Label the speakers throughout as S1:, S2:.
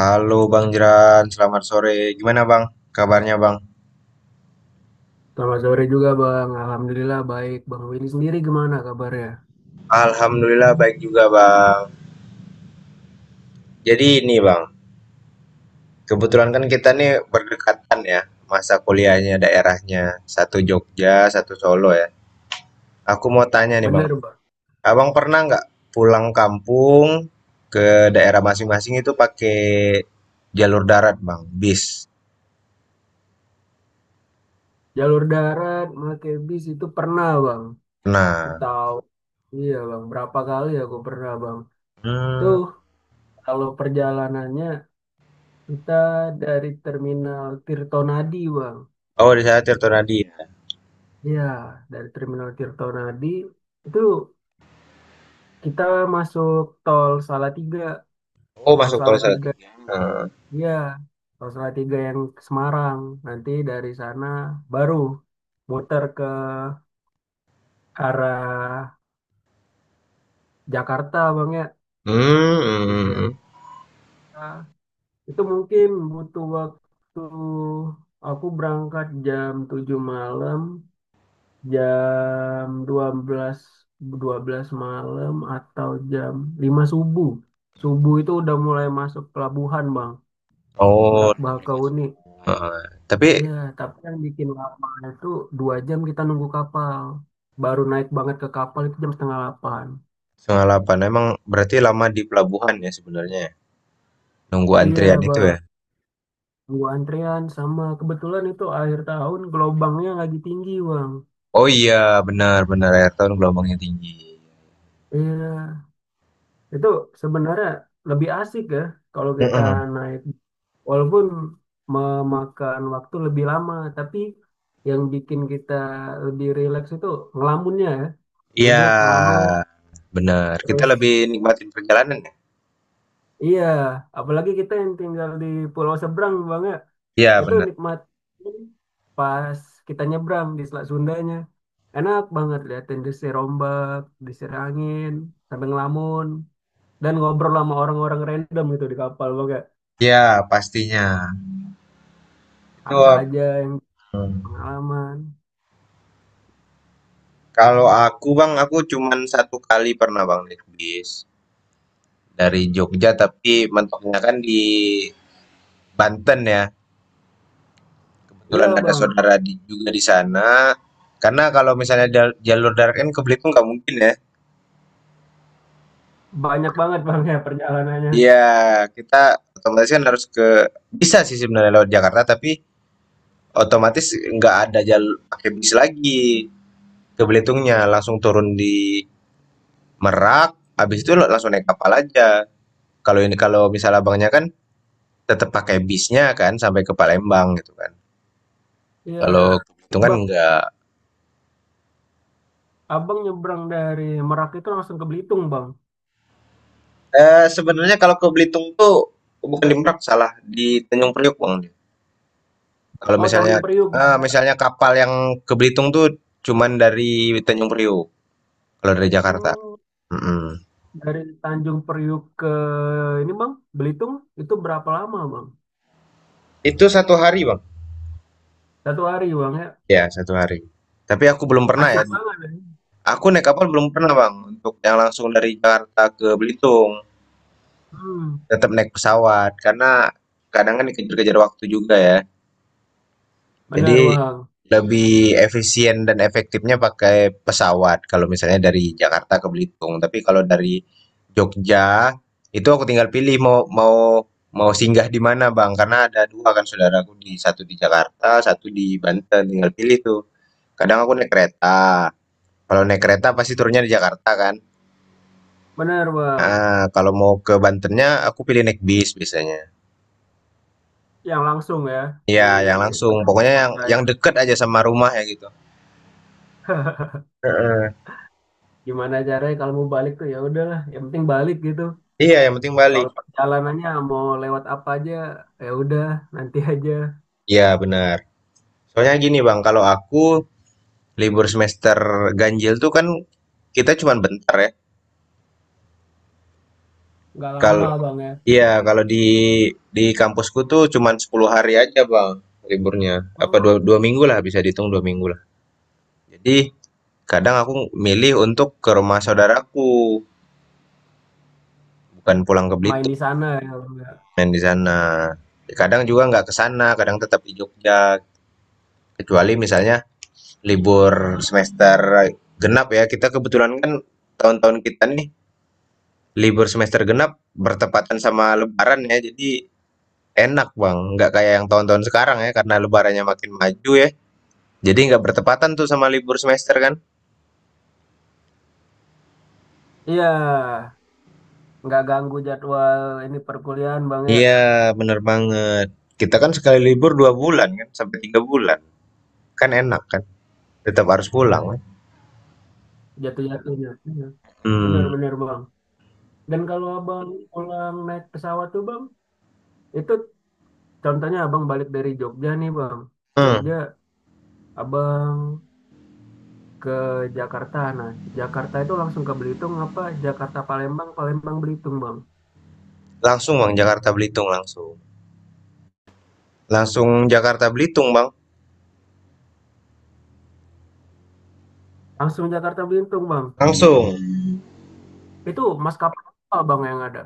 S1: Halo Bang Jeran, selamat sore. Gimana Bang? Kabarnya Bang?
S2: Selamat sore juga Bang. Alhamdulillah baik. Bang Willy sendiri gimana kabarnya?
S1: Alhamdulillah baik juga Bang. Jadi ini Bang, kebetulan kan kita nih berdekatan ya masa kuliahnya daerahnya. Satu Jogja, satu Solo ya. Aku mau tanya nih Bang,
S2: Benar Bang.
S1: Abang pernah nggak pulang kampung ke daerah masing-masing itu pakai jalur darat Bang, bis?
S2: Jalur darat, pakai bis itu pernah Bang.
S1: Nah,
S2: Tahu. Iya Bang. Berapa kali aku pernah Bang. Tuh
S1: hmm.
S2: kalau perjalanannya kita dari Terminal Tirtonadi Bang.
S1: Oh, di sana
S2: Dan,
S1: Tirtonadi ya.
S2: ya dari Terminal Tirtonadi itu kita masuk tol Salatiga.
S1: Oh,
S2: Tol
S1: masuk tol saya.
S2: Salatiga.
S1: Hmm.
S2: Iya, Rosella 3 yang ke Semarang. Nanti dari sana baru muter ke arah Jakarta, Bang ya.
S1: Hmm,
S2: Habis
S1: hmm.
S2: dari
S1: Hmm. Hmm.
S2: sana, itu mungkin butuh waktu aku berangkat jam 7 malam, jam dua belas malam atau jam 5 subuh. Subuh itu udah mulai masuk pelabuhan, Bang.
S1: Oh,
S2: Merak
S1: jam 5.
S2: Bakahuni.
S1: Heeh, tapi
S2: Iya, tapi yang bikin lama itu 2 jam kita nunggu kapal. Baru naik banget ke kapal itu jam setengah delapan.
S1: setengah 8 emang berarti lama di pelabuhan ya sebenarnya ya? Nunggu
S2: Iya,
S1: antrian itu ya?
S2: Bang. Nunggu antrian sama kebetulan itu akhir tahun gelombangnya lagi tinggi, Bang.
S1: Oh iya, benar benar akhir tahun gelombangnya tinggi.
S2: Iya, itu sebenarnya lebih asik ya kalau kita
S1: Mhm,
S2: naik. Walaupun memakan waktu lebih lama, tapi yang bikin kita lebih rileks itu ngelamunnya ya.
S1: iya,
S2: Duduk ngelamun,
S1: benar, kita
S2: terus
S1: lebih nikmatin perjalanan ya?
S2: iya, apalagi kita yang tinggal di pulau seberang Bang ya.
S1: Iya
S2: Itu
S1: benar,
S2: nikmat pas kita nyebrang di Selat Sundanya. Enak banget liatin desir ombak, desir angin, sampai ngelamun dan ngobrol sama orang-orang random gitu di kapal Bang ya.
S1: iya pastinya, itu
S2: Apa aja yang
S1: mhm,
S2: pengalaman.
S1: kalau aku Bang, aku cuman satu kali pernah Bang naik bis, dari Jogja tapi mentoknya kan di Banten ya.
S2: Iya
S1: Kebetulan ada
S2: Bang,
S1: saudara di, juga di sana. Karena kalau misalnya jalur darat kan ke Belitung nggak mungkin ya.
S2: banyak banget Bang ya perjalanannya.
S1: Iya, kita otomatis kan harus ke bisa sih sebenarnya lewat Jakarta, tapi otomatis nggak ada jalur pakai bis lagi ke Belitungnya, langsung turun di Merak, habis itu lo langsung naik kapal aja. Kalau ini kalau misal abangnya kan tetap pakai bisnya kan sampai ke Palembang gitu kan.
S2: Iya.
S1: Kalau ke Belitung kan
S2: Bang,
S1: nggak.
S2: Abang nyebrang dari Merak itu langsung ke Belitung Bang.
S1: Eh, sebenarnya kalau ke Belitung tuh bukan di Merak salah di Tanjung Priok bang. Kalau
S2: Oh,
S1: misalnya
S2: Tanjung Priuk Bang ya.
S1: misalnya kapal yang ke Belitung tuh cuman dari Tanjung Priok kalau dari Jakarta.
S2: Oh.
S1: Mm-mm.
S2: Dari Tanjung Priuk ke ini bang, Belitung itu berapa lama bang?
S1: Itu satu hari, Bang.
S2: 1 hari bang ya,
S1: Ya, satu hari. Tapi aku belum pernah ya.
S2: asik banget ya.
S1: Aku naik kapal belum pernah, Bang, untuk yang langsung dari Jakarta ke Belitung.
S2: Hmm,
S1: Tetap naik pesawat karena kadang kan dikejar-kejar waktu juga ya.
S2: benar
S1: Jadi
S2: bang,
S1: lebih efisien dan efektifnya pakai pesawat kalau misalnya dari Jakarta ke Belitung. Tapi kalau dari Jogja itu aku tinggal pilih mau mau mau singgah di mana Bang karena ada dua kan saudaraku di satu di Jakarta, satu di Banten tinggal pilih tuh. Kadang aku naik kereta. Kalau naik kereta pasti turunnya di Jakarta kan.
S2: benar bang.
S1: Kalau mau ke Bantennya aku pilih naik bis biasanya.
S2: Yang langsung ya di
S1: Iya, yang langsung.
S2: kedap
S1: Pokoknya yang
S2: kota ya.
S1: yang deket aja sama rumah ya gitu. Heeh.
S2: Gimana caranya kalau mau balik tuh ya udahlah, yang penting balik gitu.
S1: Iya, yang penting Bali.
S2: Soal perjalanannya mau lewat apa aja, ya udah nanti aja.
S1: Iya, benar. Soalnya gini, Bang, kalau aku libur semester ganjil tuh kan kita cuman bentar ya.
S2: Nggak lama
S1: Kalau
S2: bang ya.
S1: iya, kalau di kampusku tuh cuman 10 hari aja, Bang, liburnya. Apa dua,
S2: Oh,
S1: 2 minggu lah, bisa dihitung 2 minggu lah. Jadi kadang aku milih untuk ke rumah saudaraku, bukan pulang ke
S2: main
S1: Belitung,
S2: di sana ya bang ya.
S1: main di sana. Kadang juga nggak ke sana, kadang tetap di Jogja. Kecuali misalnya libur semester genap ya, kita kebetulan kan tahun-tahun kita nih libur semester genap bertepatan sama lebaran ya, jadi enak, Bang, nggak kayak yang tahun-tahun sekarang ya karena lebarannya makin maju ya. Jadi nggak bertepatan tuh sama libur semester kan?
S2: Iya, nggak ganggu jadwal ini perkuliahan bang ya.
S1: Iya, bener banget. Kita kan sekali libur 2 bulan kan, sampai 3 bulan. Kan enak kan, tetap harus pulang, kan?
S2: Jatuh-jatuhnya. Iya.
S1: Hmm.
S2: Benar-benar Bang. Dan kalau Abang pulang naik pesawat tuh Bang, itu contohnya Abang balik dari Jogja nih Bang. Jogja,
S1: Hmm,
S2: Abang ke Jakarta. Nah, Jakarta itu langsung ke Belitung apa Jakarta Palembang, Palembang Belitung Bang.
S1: langsung Bang Jakarta Belitung langsung. Langsung Jakarta Belitung, Bang.
S2: Langsung Jakarta Belitung Bang.
S1: Langsung.
S2: Itu maskapai apa Bang yang ada?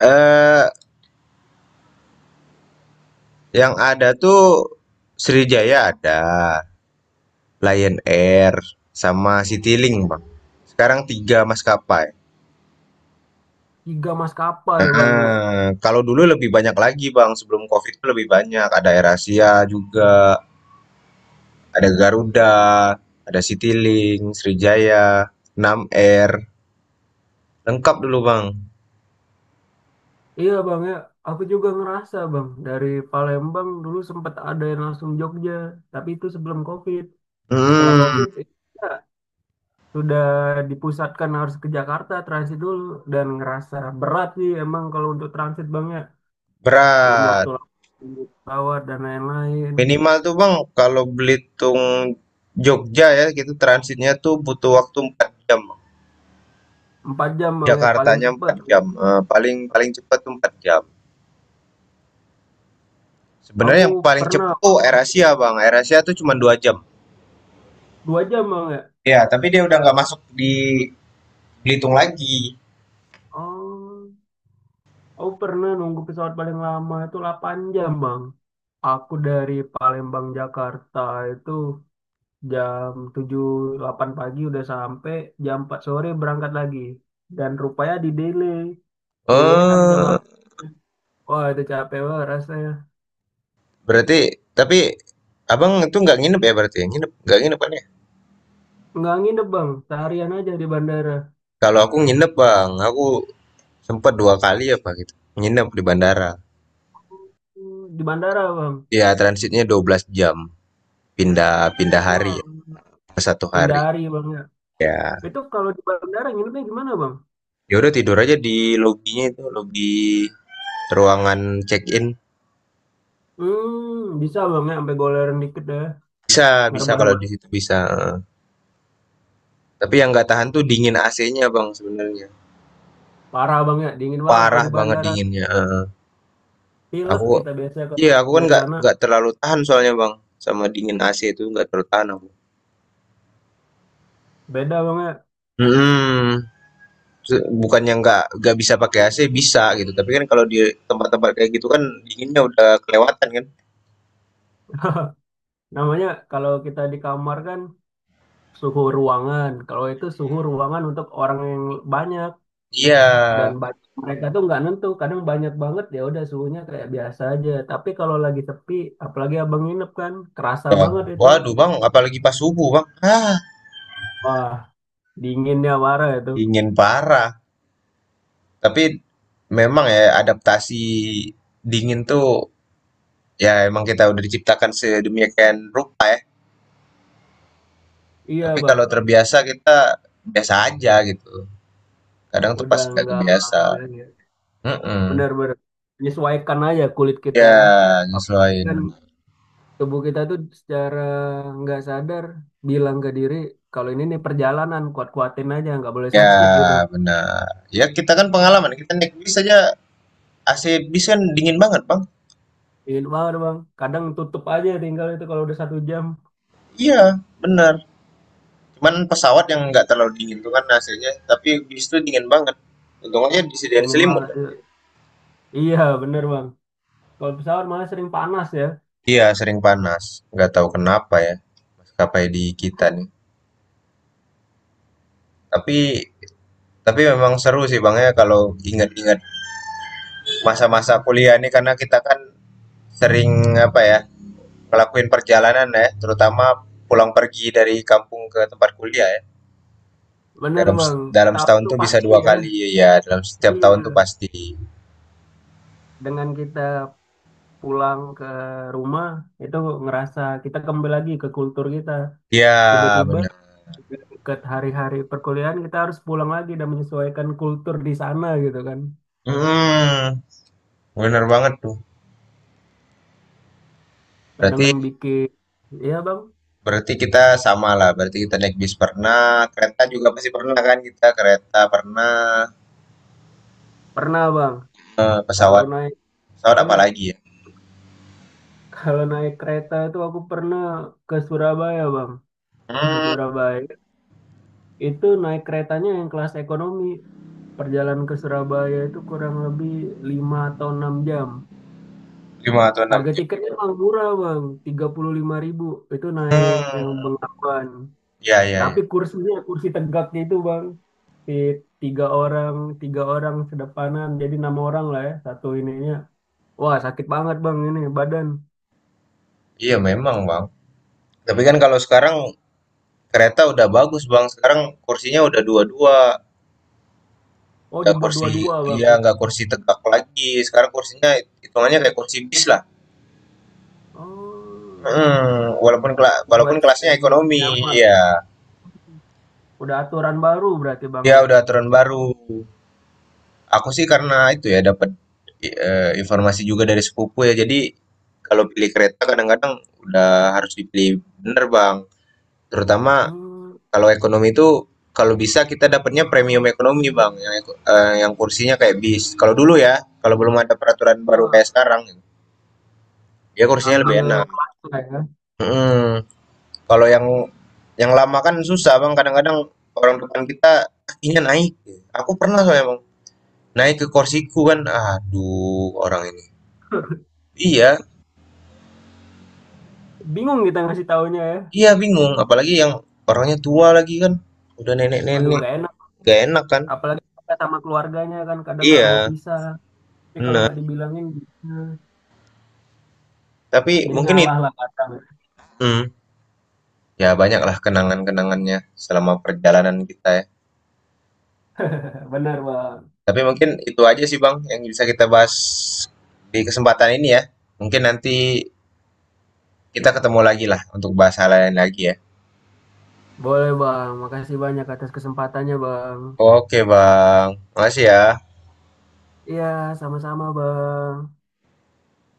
S1: Eh, yang ada tuh Sriwijaya ada, Lion Air sama CityLink, Bang. Sekarang 3 maskapai.
S2: Tiga maskapai ya Bang ya.
S1: Heeh, kalau dulu lebih banyak lagi, Bang. Sebelum Covid itu lebih banyak. Ada Air Asia juga, ada Garuda,
S2: Oh.
S1: ada CityLink, Sriwijaya, 6 Air. Lengkap dulu, Bang.
S2: Iya Bang ya, aku juga ngerasa Bang. Dari Palembang dulu sempat ada yang langsung Jogja, tapi itu sebelum COVID. Setelah
S1: Hmm,
S2: COVID, ya, sudah dipusatkan harus ke Jakarta transit dulu dan ngerasa berat sih emang kalau untuk transit bang ya belum waktu
S1: berat.
S2: lama tunggu pesawat dan lain-lain.
S1: Minimal tuh, Bang, kalau Belitung Jogja ya, gitu transitnya tuh butuh waktu 4 jam, Bang.
S2: 4 jam bang ya paling
S1: Jakartanya
S2: cepet.
S1: 4 jam. Eh, paling paling cepat tuh 4 jam.
S2: Aku
S1: Sebenarnya yang paling
S2: pernah
S1: cepet tuh AirAsia, Bang. AirAsia tuh cuma 2 jam.
S2: 2 jam bang ya.
S1: Ya, tapi dia udah nggak masuk di Belitung lagi.
S2: Oh, aku pernah nunggu pesawat paling lama itu 8 jam bang. Aku dari Palembang Jakarta itu jam 7 8 pagi udah sampai, jam 4 sore berangkat lagi dan rupanya di delay. Delaynya sampai jam
S1: Eh,
S2: delapan Wah itu capek banget rasanya.
S1: berarti Tapi Abang itu nggak nginep ya berarti ya? Nginep, nggak nginep kan ya?
S2: Nggak nginep bang seharian aja di bandara.
S1: Kalau aku nginep, Bang. Aku sempat dua kali apa gitu. Nginep di bandara.
S2: Oh, di bandara bang.
S1: Ya, transitnya 12 jam. Pindah pindah hari
S2: Wah,
S1: ya. Ke satu hari.
S2: hindari bang ya.
S1: Ya,
S2: Itu kalau di bandara nginepnya gimana bang?
S1: ya udah tidur aja di lobinya itu, lobi ruangan check-in.
S2: Hmm, bisa bang ya sampai goleran dikit deh.
S1: Bisa, bisa
S2: Ngerebahin.
S1: kalau di situ bisa. Tapi yang nggak tahan tuh dingin AC-nya, Bang, sebenarnya.
S2: Parah bang ya dingin banget kalau
S1: Parah
S2: di
S1: banget
S2: bandara.
S1: dinginnya, heeh.
S2: Pilek
S1: Aku
S2: kita biasanya kalau
S1: iya, aku kan
S2: dari
S1: nggak
S2: sana
S1: nggak terlalu tahan soalnya, Bang, sama dingin AC itu nggak terlalu tahan aku.
S2: beda bang ya.
S1: Hmm, se bukannya nggak bisa pakai AC, bisa gitu, tapi kan kalau di tempat-tempat kayak gitu kan dinginnya udah kelewatan kan.
S2: Namanya kalau kita di kamar kan suhu ruangan. Kalau itu suhu ruangan untuk orang yang banyak
S1: Iya,
S2: dan banyak, mereka tuh nggak nentu. Kadang banyak banget ya udah suhunya kayak biasa aja. Tapi kalau lagi sepi, apalagi abang nginep kan, kerasa
S1: ya,
S2: banget itu.
S1: waduh, Bang, apalagi pas subuh, Bang. Hah,
S2: Wah, dinginnya parah itu.
S1: dingin parah. Tapi memang ya adaptasi dingin tuh ya emang kita udah diciptakan sedemikian rupa ya.
S2: Iya
S1: Tapi
S2: bang,
S1: kalau terbiasa kita biasa aja gitu. Kadang tuh pas
S2: udah
S1: nggak
S2: nggak
S1: kebiasa.
S2: aja ya.
S1: Mm-mm.
S2: Benar-benar menyesuaikan aja kulit kita
S1: Ya
S2: ya. Apalagi
S1: nyesuaiin,
S2: kan
S1: bener.
S2: tubuh kita tuh secara nggak sadar bilang ke diri kalau ini nih perjalanan kuat-kuatin aja nggak boleh
S1: Ya
S2: sakit gitu.
S1: benar. Ya kita kan pengalaman. Kita naik bis aja AC bis kan dingin banget bang.
S2: Ingin banget bang. Kadang tutup aja tinggal itu kalau udah 1 jam.
S1: Iya benar. Cuman pesawat yang nggak terlalu dingin tuh kan hasilnya. Tapi bis tuh dingin banget. Untung aja disediain
S2: Ingin
S1: selimut
S2: banget.
S1: kan.
S2: Iya bener bang. Kalau pesawat malah sering panas ya.
S1: Iya sering panas. Nggak tahu kenapa ya. Maskapai di kita nih. Tapi tapi memang seru sih bang ya kalau ingat-ingat masa-masa kuliah ini karena kita kan sering apa ya ngelakuin perjalanan ya terutama pulang pergi dari kampung ke tempat kuliah ya
S2: Bener
S1: dalam
S2: bang.
S1: dalam
S2: Setahu
S1: setahun
S2: tuh
S1: tuh bisa
S2: pasti
S1: dua
S2: ya.
S1: kali ya dalam setiap tahun tuh
S2: Iya.
S1: pasti
S2: Dengan kita pulang ke rumah itu ngerasa kita kembali lagi ke kultur kita.
S1: ya
S2: Tiba-tiba
S1: benar.
S2: ke hari-hari perkuliahan kita harus pulang lagi dan menyesuaikan kultur di sana gitu kan.
S1: Hmm, bener banget tuh
S2: Kadang
S1: berarti.
S2: bikin. Iya bang.
S1: Berarti kita sama lah, berarti kita naik bis pernah, kereta juga pasti pernah kan, kita kereta pernah,
S2: Pernah bang. Kalau
S1: pesawat,
S2: naik.
S1: pesawat apa
S2: Iya.
S1: lagi ya.
S2: Kalau naik kereta itu aku pernah ke Surabaya, Bang. Ke
S1: Hmm,
S2: Surabaya. Itu naik keretanya yang kelas ekonomi. Perjalanan ke Surabaya itu kurang lebih 5 atau 6 jam.
S1: lima atau enam
S2: Harga
S1: jam.
S2: tiketnya emang murah, Bang. 35 ribu. Itu naik
S1: Hmm,
S2: yang Bengawan.
S1: ya ya ya.
S2: Tapi kursinya, kursi tegaknya itu, Bang. Di 3 orang, 3 orang sedepanan. Jadi 6 orang lah ya, satu ininya. Wah, sakit banget, Bang, ini badan.
S1: Iya memang bang. Tapi kan kalau sekarang kereta udah bagus Bang, sekarang kursinya udah dua-dua,
S2: Oh,
S1: nggak
S2: dibuat
S1: kursi,
S2: dua-dua, Bang,
S1: iya
S2: ya.
S1: nggak kursi tegak lagi, sekarang kursinya hitungannya kayak kursi bis lah.
S2: Oh.
S1: Mm, walaupun
S2: Buat
S1: walaupun kelasnya
S2: sedemikian
S1: ekonomi,
S2: nyaman.
S1: ya,
S2: Udah aturan baru berarti Bang
S1: ya
S2: ya.
S1: udah aturan
S2: Cukup.
S1: baru. Aku sih karena itu ya dapat informasi juga dari sepupu ya, jadi kalau pilih kereta kadang-kadang udah harus dipilih bener Bang, terutama
S2: Hmm,
S1: kalau ekonomi itu, kalau bisa kita dapatnya premium ekonomi, Bang, yang yang kursinya kayak bis. Kalau dulu ya, kalau belum ada peraturan
S2: iya
S1: baru
S2: Bang.
S1: kayak sekarang, ya kursinya lebih
S2: Ambil
S1: enak.
S2: kelas lah ya.
S1: Heeh. Mhm, kalau yang lama kan susah, Bang, kadang-kadang orang depan kita kakinya naik. Aku pernah soalnya, Bang, naik ke kursiku kan, aduh orang ini. Iya
S2: Bingung kita ngasih taunya ya.
S1: iya bingung, apalagi yang orangnya tua lagi kan, udah
S2: Aduh
S1: nenek-nenek,
S2: nggak enak.
S1: gak enak kan.
S2: Apalagi kita sama keluarganya kan kadang nggak mau
S1: Iya,
S2: pisah. Tapi kalau
S1: bener,
S2: nggak dibilangin, hmm,
S1: tapi
S2: jadi
S1: mungkin itu.
S2: ngalah lah kadang.
S1: Ya banyaklah kenangan-kenangannya selama perjalanan kita ya.
S2: Benar Bang.
S1: Tapi mungkin itu aja sih Bang yang bisa kita bahas di kesempatan ini ya. Mungkin nanti kita ketemu lagi lah untuk bahas hal lain lagi ya.
S2: Boleh Bang. Makasih banyak atas kesempatannya Bang.
S1: Oke Bang, makasih ya.
S2: Iya, sama-sama Bang.